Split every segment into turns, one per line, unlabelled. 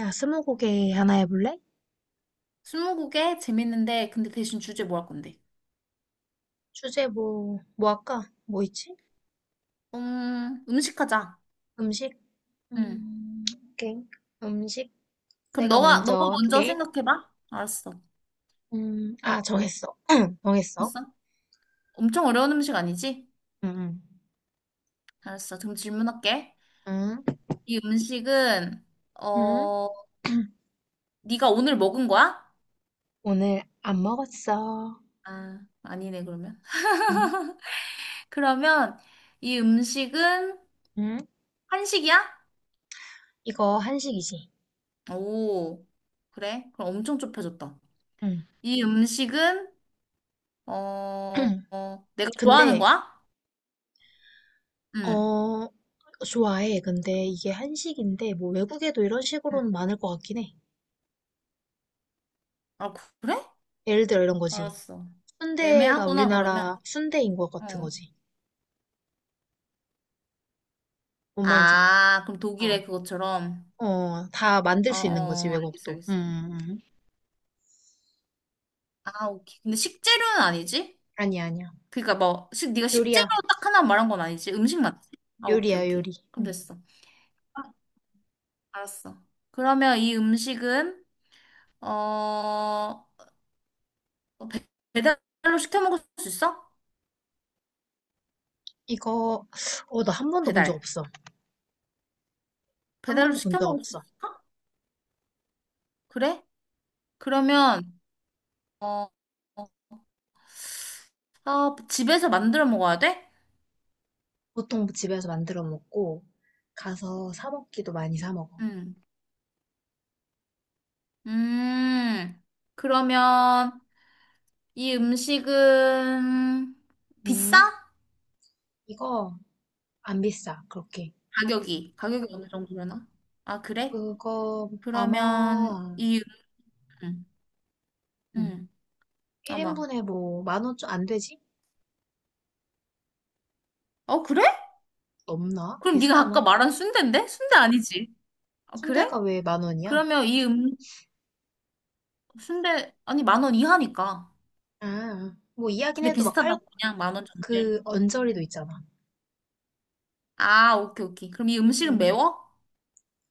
야, 스무고개 하나 해볼래?
스무고개 재밌는데 근데 대신 주제 뭐 할 건데?
주제 뭐, 뭐 할까? 뭐 있지?
음식 하자.
음식?
응.
음, 오케이. 음식
그럼
내가
너가
먼저
먼저
할게.
생각해봐. 알았어.
정했어. 정했어.
됐어? 엄청 어려운 음식 아니지?
응,
알았어. 그럼 질문할게.
응,
이 음식은
응,
어
응.
네가 오늘 먹은 거야?
오늘 안 먹었어.
아 아니네 그러면.
응,
그러면 이 음식은
응.
한식이야?
이거 한식이지?
오 그래? 그럼 엄청 좁혀졌다.
응.
이 음식은 내가 좋아하는
근데,
거야? 응.
어, 좋아해. 근데 이게 한식인데, 뭐 외국에도 이런
응.
식으로는 많을 것 같긴 해.
아 그래?
예를 들어 이런 거지.
알았어.
순대가
애매하구나, 그러면.
우리나라 순대인 것 같은
어.
거지. 뭔 말인지 알지?
아, 그럼 독일의
어,
그것처럼.
어, 다 만들
어,
수 있는 거지,
어, 알겠어,
외국도.
알겠어.
음.
아, 오케이. 근데 식재료는 아니지?
아니야, 아니야.
그러니까 뭐, 식, 네가 식재료
요리야,
딱 하나 말한 건 아니지? 음식 맞지? 아, 오케이,
요리.
오케이. 그럼
음.
됐어. 아, 알았어. 그러면 이 음식은, 어, 어, 배- 배달로 시켜 먹을 수 있어?
이거, 나 한 번도 본 적
배달.
없어. 한
배달로
번도 본
시켜
적
먹을 수
없어.
있어? 그래? 그러면, 어, 어, 아, 집에서 만들어 먹어야 돼?
보통 집에서 만들어 먹고, 가서 사 먹기도 많이 사 먹어.
응. 음, 그러면 이 음식은 비싸?
음, 이거 안 비싸, 그렇게.
가격이 어느 정도려나? 아, 그래?
그거
그러면
아마,
이, 음,
음,
음, 아마.
1인분에 뭐, 10,000원 좀 안 되지?
어, 그래?
넘나?
그럼 네가 아까
비슷하나?
말한 순대인데? 순대 아니지? 아, 그래?
순대가 왜 만 원이야?
그러면 이 순대, 아니, 10,000원 이하니까.
아, 뭐 이야긴
근데
해도 막 팔,
비슷하다고 그냥 10,000원 정도.
그 언저리도 있잖아.
아, 오케이, 오케이. 그럼 이
음,
음식은
음.
매워?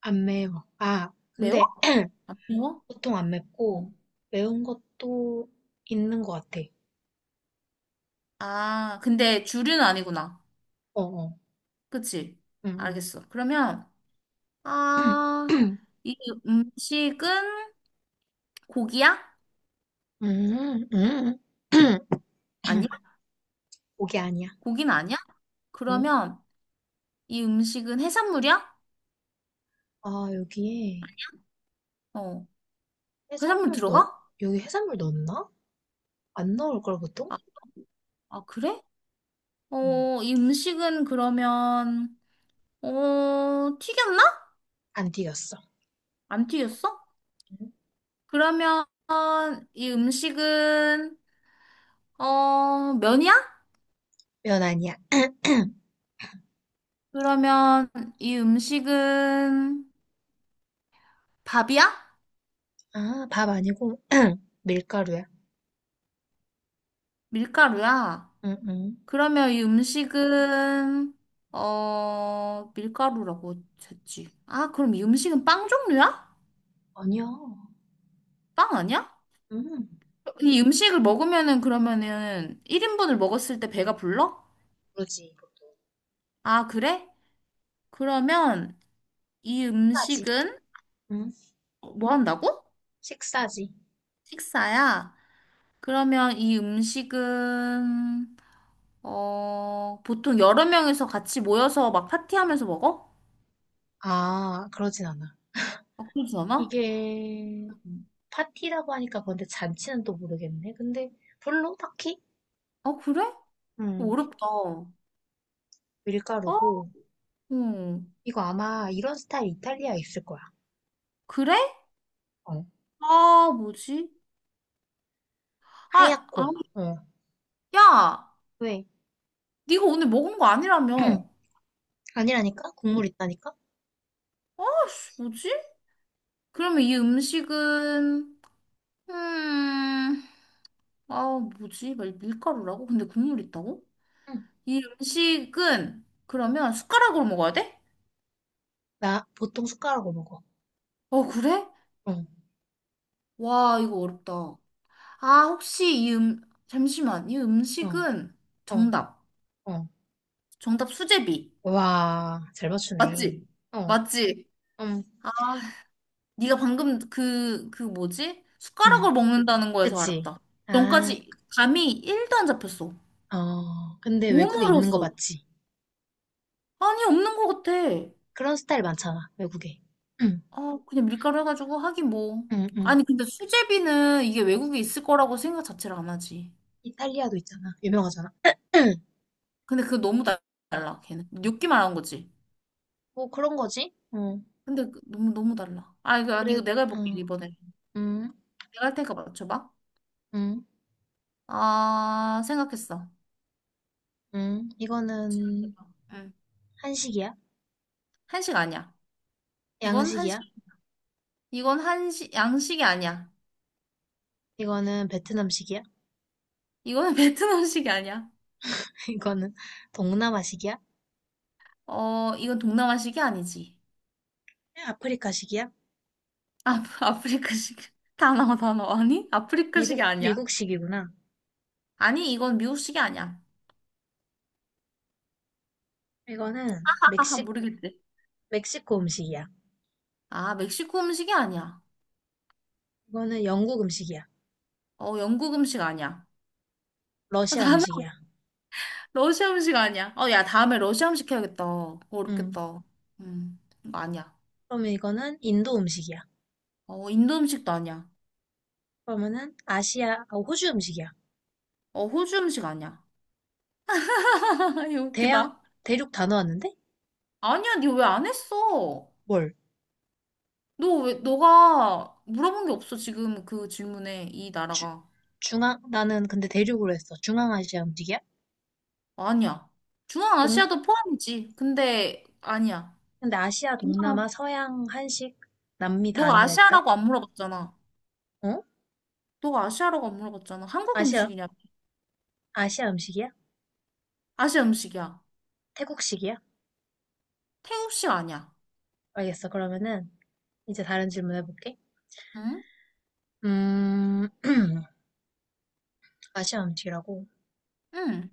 안 매워. 아,
매워?
근데
안 매워?
보통 안
어.
맵고 매운 것도 있는 것 같아.
아, 근데 주류는 아니구나.
어, 어.
그치?
음,
알겠어. 그러면,
음.
아, 이 음식은 고기야?
음.
아니야?
고기 아니야.
고기는 아니야?
응?
그러면 이 음식은 해산물이야?
아, 여기에
어, 해산물
해산물 넣,
들어가?
여기 해산물 넣었나? 안 넣을 걸 보통?
아, 아, 그래?
음,
어, 이 음식은 그러면, 어, 튀겼나?
안 튀겼어.
안 튀겼어?
음.
그러면 이 음식은, 어, 면이야?
면 아니야.
그러면 이 음식은 밥이야?
아, 밥 아니고 밀가루야.
밀가루야?
응응
그러면 이 음식은 어 밀가루라고 했지. 아, 그럼 이 음식은 빵 종류야?
아니야.
빵 아니야?
음,
이 음식을 먹으면은 그러면은 1인분을 먹었을 때 배가 불러?
그르지 보통.
아, 그래? 그러면 이
식사지,
음식은
응
뭐 한다고?
식사지.
식사야. 그러면 이 음식은 보통 여러 명이서 같이 모여서 막 파티하면서 먹어?
아, 그러진 않아.
아, 그러지 않아?
이게 파티라고 하니까 그런데 잔치는 또 모르겠네. 근데 별로 딱히
어, 그래? 어,
음,
어렵다. 어?
밀가루고
응.
이거 아마 이런 스타일 이탈리아에 있을 거야.
그래?
어.
아, 뭐지? 아,
하얗고.
아니,
어.
야,
왜?
네가 오늘 먹은 거 아니라며.
아니라니까? 국물 있다니까?
아, 씨, 뭐지? 그러면 이 음식은, 음, 아, 뭐지? 막 밀가루라고? 근데 국물 있다고?
응.
이 음식은, 그러면 숟가락으로 먹어야 돼?
나 보통 숟가락으로 먹어.
어, 그래?
어,
와, 이거 어렵다. 아, 혹시 이 잠시만. 이
어,
음식은
어,
정답.
어.
정답 수제비.
와, 잘 맞추네.
맞지?
어,
맞지?
음,
아, 네가 방금 그, 그 뭐지? 숟가락을
음,
먹는다는 거에서
그치.
알았다.
아,
전까지 감이 1도 안 잡혔어.
어, 근데
너무
외국에 있는 거
어려웠어.
맞지?
아니, 없는 것 같아.
그런 스타일 많잖아, 외국에. 응,
아, 그냥 밀가루 해가지고 하긴 뭐.
응, 응.
아니, 근데 수제비는 이게 외국에 있을 거라고 생각 자체를 안 하지.
이탈리아도 있잖아. 유명하잖아.
근데 달라, 걔는. 뇨끼만 한 거지.
뭐 그런 거지? 어,
근데 너무, 너무 달라. 아, 이거, 아니,
그래,
이거 내가 해볼게,
어,
이번에.
음,
내가 할 테니까 맞춰봐.
음,
아, 생각했어.
이거는
질문해봐. 응.
한식이야?
한식 아니야. 이건 한식,
양식이야?
이건 한식, 양식이 아니야.
이거는 베트남식이야?
이거는 베트남식이 아니야.
이거는 동남아식이야?
어, 이건 동남아식이 아니지.
아프리카식이야?
아, 아프리카식. 단어, 단어. 아니? 아프리카식이
미국,
아니야.
미국식이구나.
아니, 이건 미국식이 아니야.
이거는
아,
멕시,
모르겠지.
멕시코 음식이야.
아, 멕시코 음식이 아니야.
이거는 영국 음식이야.
어, 영국 음식 아니야. 아,
러시아
다음에
음식이야.
러시아 음식 아니야. 어, 야, 다음에 러시아 음식 해야겠다.
음.
어렵겠다. 이거 아니야.
그러면 이거는 인도 음식이야.
어, 인도 음식도 아니야.
그러면은 아시아, 아, 호주 음식이야.
어, 호주 음식 아니야. 이거
대양,
웃기다.
대륙 다 넣었는데?
아니야, 니 왜 안 했어?
뭘?
너 왜, 너가 물어본 게 없어, 지금 그 질문에, 이
주,
나라가.
중앙, 나는 근데 대륙으로 했어. 중앙아시아 음식이야?
아니야.
동,
중앙아시아도 포함이지. 근데, 아니야.
근데 아시아, 동남아,
중앙-
서양, 한식, 남미 다
너가
아니라 했다?
아시아라고 안 물어봤잖아.
어?
너가 아시아라고 안 물어봤잖아. 한국
아시아,
음식이냐?
아시아 음식이야?
아시아 음식이야.
태국식이야?
태국식 아니야.
알겠어. 그러면은 이제 다른 질문 해볼게.
응?
음, 아시아 음식이라고?
응.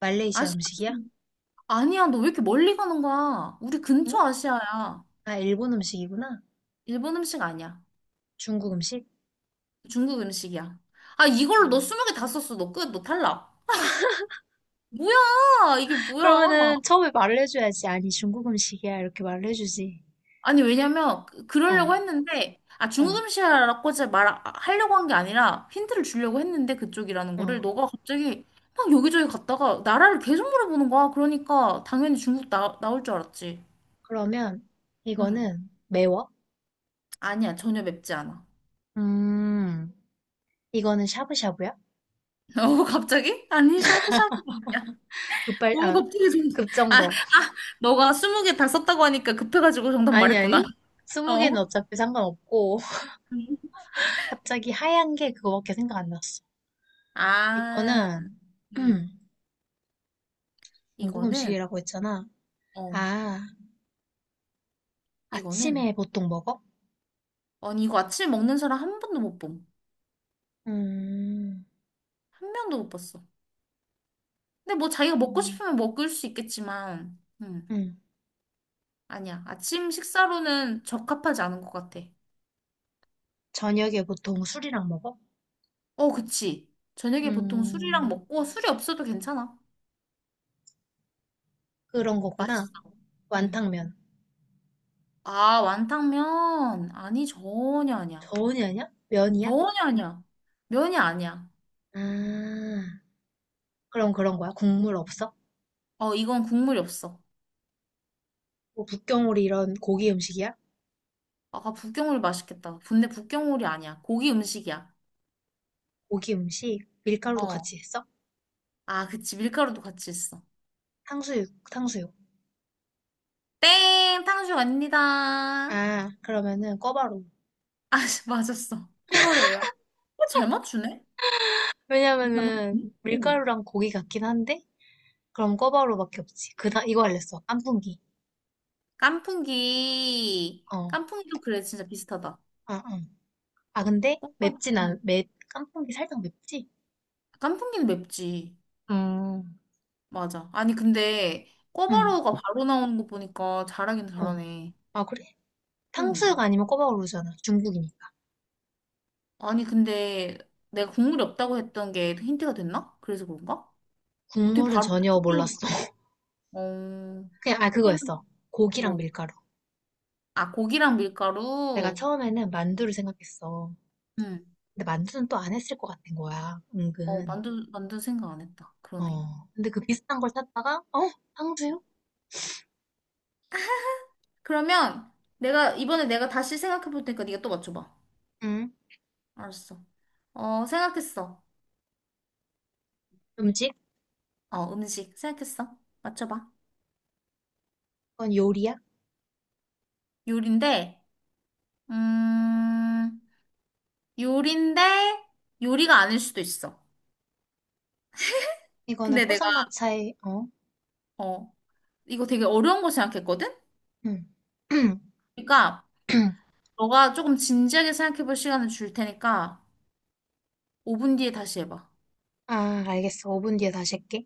말레이시아
아시아
음식이야?
음식. 아니야. 너 왜 이렇게 멀리 가는 거야? 우리 근처
응?
아시아야.
아, 일본 음식이구나.
일본 음식 아니야.
중국 음식?
중국 음식이야. 아, 이걸로 너
음,
20개 다 썼어. 너 끝. 너 탈락. 뭐야? 이게 뭐야?
그러면은 처음에 말을 해줘야지. 아니, 중국 음식이야. 이렇게 말을 해주지.
아니, 왜냐면,
어,
그러려고 했는데, 아, 중국
어,
음식 이라고 제가 말, 아, 하려고 한 게 아니라, 힌트를 주려고 했는데, 그쪽이라는 거를,
어.
너가 갑자기 막 여기저기 갔다가, 나라를 계속 물어보는 거야. 그러니까, 당연히 나올 줄 알았지.
그러면
응.
이거는 매워?
아니야, 전혀 맵지 않아.
음, 이거는 샤브샤브야?
어, 갑자기? 아니, 샤브샤브. 야,
급발,
너무
아,
갑자기 좀, 아,
급정거.
너가 20개 다 썼다고 하니까 급해가지고 정답
아니,
말했구나.
아니. 스무
어.
개는 어차피 상관없고.
응.
갑자기 하얀 게 그거밖에 생각 안 났어.
아,
이거는,
음,
음, 중국
이거는,
음식이라고 했잖아.
어,
아,
이거는,
아침에 보통 먹어?
아니, 이거 아침에 먹는 사람 한 번도 못 봄.
음,
한 명도 못 봤어. 근데 뭐 자기가 먹고
음,
싶으면 먹을 수 있겠지만,
음.
아니야. 아침 식사로는 적합하지 않은 것 같아.
저녁에 보통 술이랑 먹어?
어, 그치. 저녁에 보통 술이랑
음,
먹고 술이 없어도 괜찮아.
그런 거구나.
맛있어. 음.
완탕면.
아, 완탕면? 아니, 전혀 아니야.
저온이 아니야? 면이야?
전혀 아니야. 면이 아니야.
아, 그럼 그런 거야? 국물 없어?
어, 이건 국물이 없어.
뭐 북경오리 이런 고기 음식이야?
아 북경오리 맛있겠다. 근데 북경오리 아니야. 고기 음식이야.
고기 음식? 밀가루도
어.
같이 했어?
아, 그치. 밀가루도 같이 있어.
탕수육.
땡! 탕수육 아닙니다. 아,
아, 그러면은 꿔바로.
씨, 맞았어. 코바로우야. 어, 잘 맞추네? 잘
왜냐면은
맞추네? 오.
밀가루랑 고기 같긴 한데 그럼 꿔바로밖에 없지. 그다 이거 알렸어. 깐풍기.
깐풍기.
어,
깐풍기도 그래, 진짜 비슷하다.
아, 응. 아 근데
꼬바.
맵진
응.
않, 맵 깐풍기 살짝 맵지?
깐풍기는 맵지.
음,
맞아. 아니, 근데
응,
꼬바로우가 바로 나오는 거 보니까 잘하긴
어.
잘하네.
아 그래? 탕수육
응.
아니면 꿔바로우잖아 중국이니까.
아니, 근데 내가 국물이 없다고 했던 게 힌트가 됐나? 그래서 그런가? 어떻게
국물은
바로 딱
전혀
그쪽으로 가?
몰랐어.
어,
그냥, 아,
그럼
그거였어. 고기랑
뭐,
밀가루.
아, 고기랑
내가
밀가루?
처음에는 만두를 생각했어.
응.
근데 만두는 또 안 했을 것 같은 거야.
어,
은근.
만두, 만두 생각 안 했다. 그러네.
어. 근데 그 비슷한 걸 찾다가, 어? 탕수육?
그러면 내가, 이번에 내가 다시 생각해 볼 테니까 네가 또 맞춰봐.
응.
알았어. 어, 생각했어.
음식?
어, 음식 생각했어. 맞춰봐.
이건 요리야?
요리인데, 음, 요리인데, 요리가 아닐 수도 있어.
이거는
근데 내가,
포장마차에, 어?
어, 이거 되게 어려운 거 생각했거든?
응.
그러니까, 너가 조금 진지하게 생각해 볼 시간을 줄 테니까, 5분 뒤에 다시 해봐.
아, 알겠어. 5분 뒤에 다시 할게.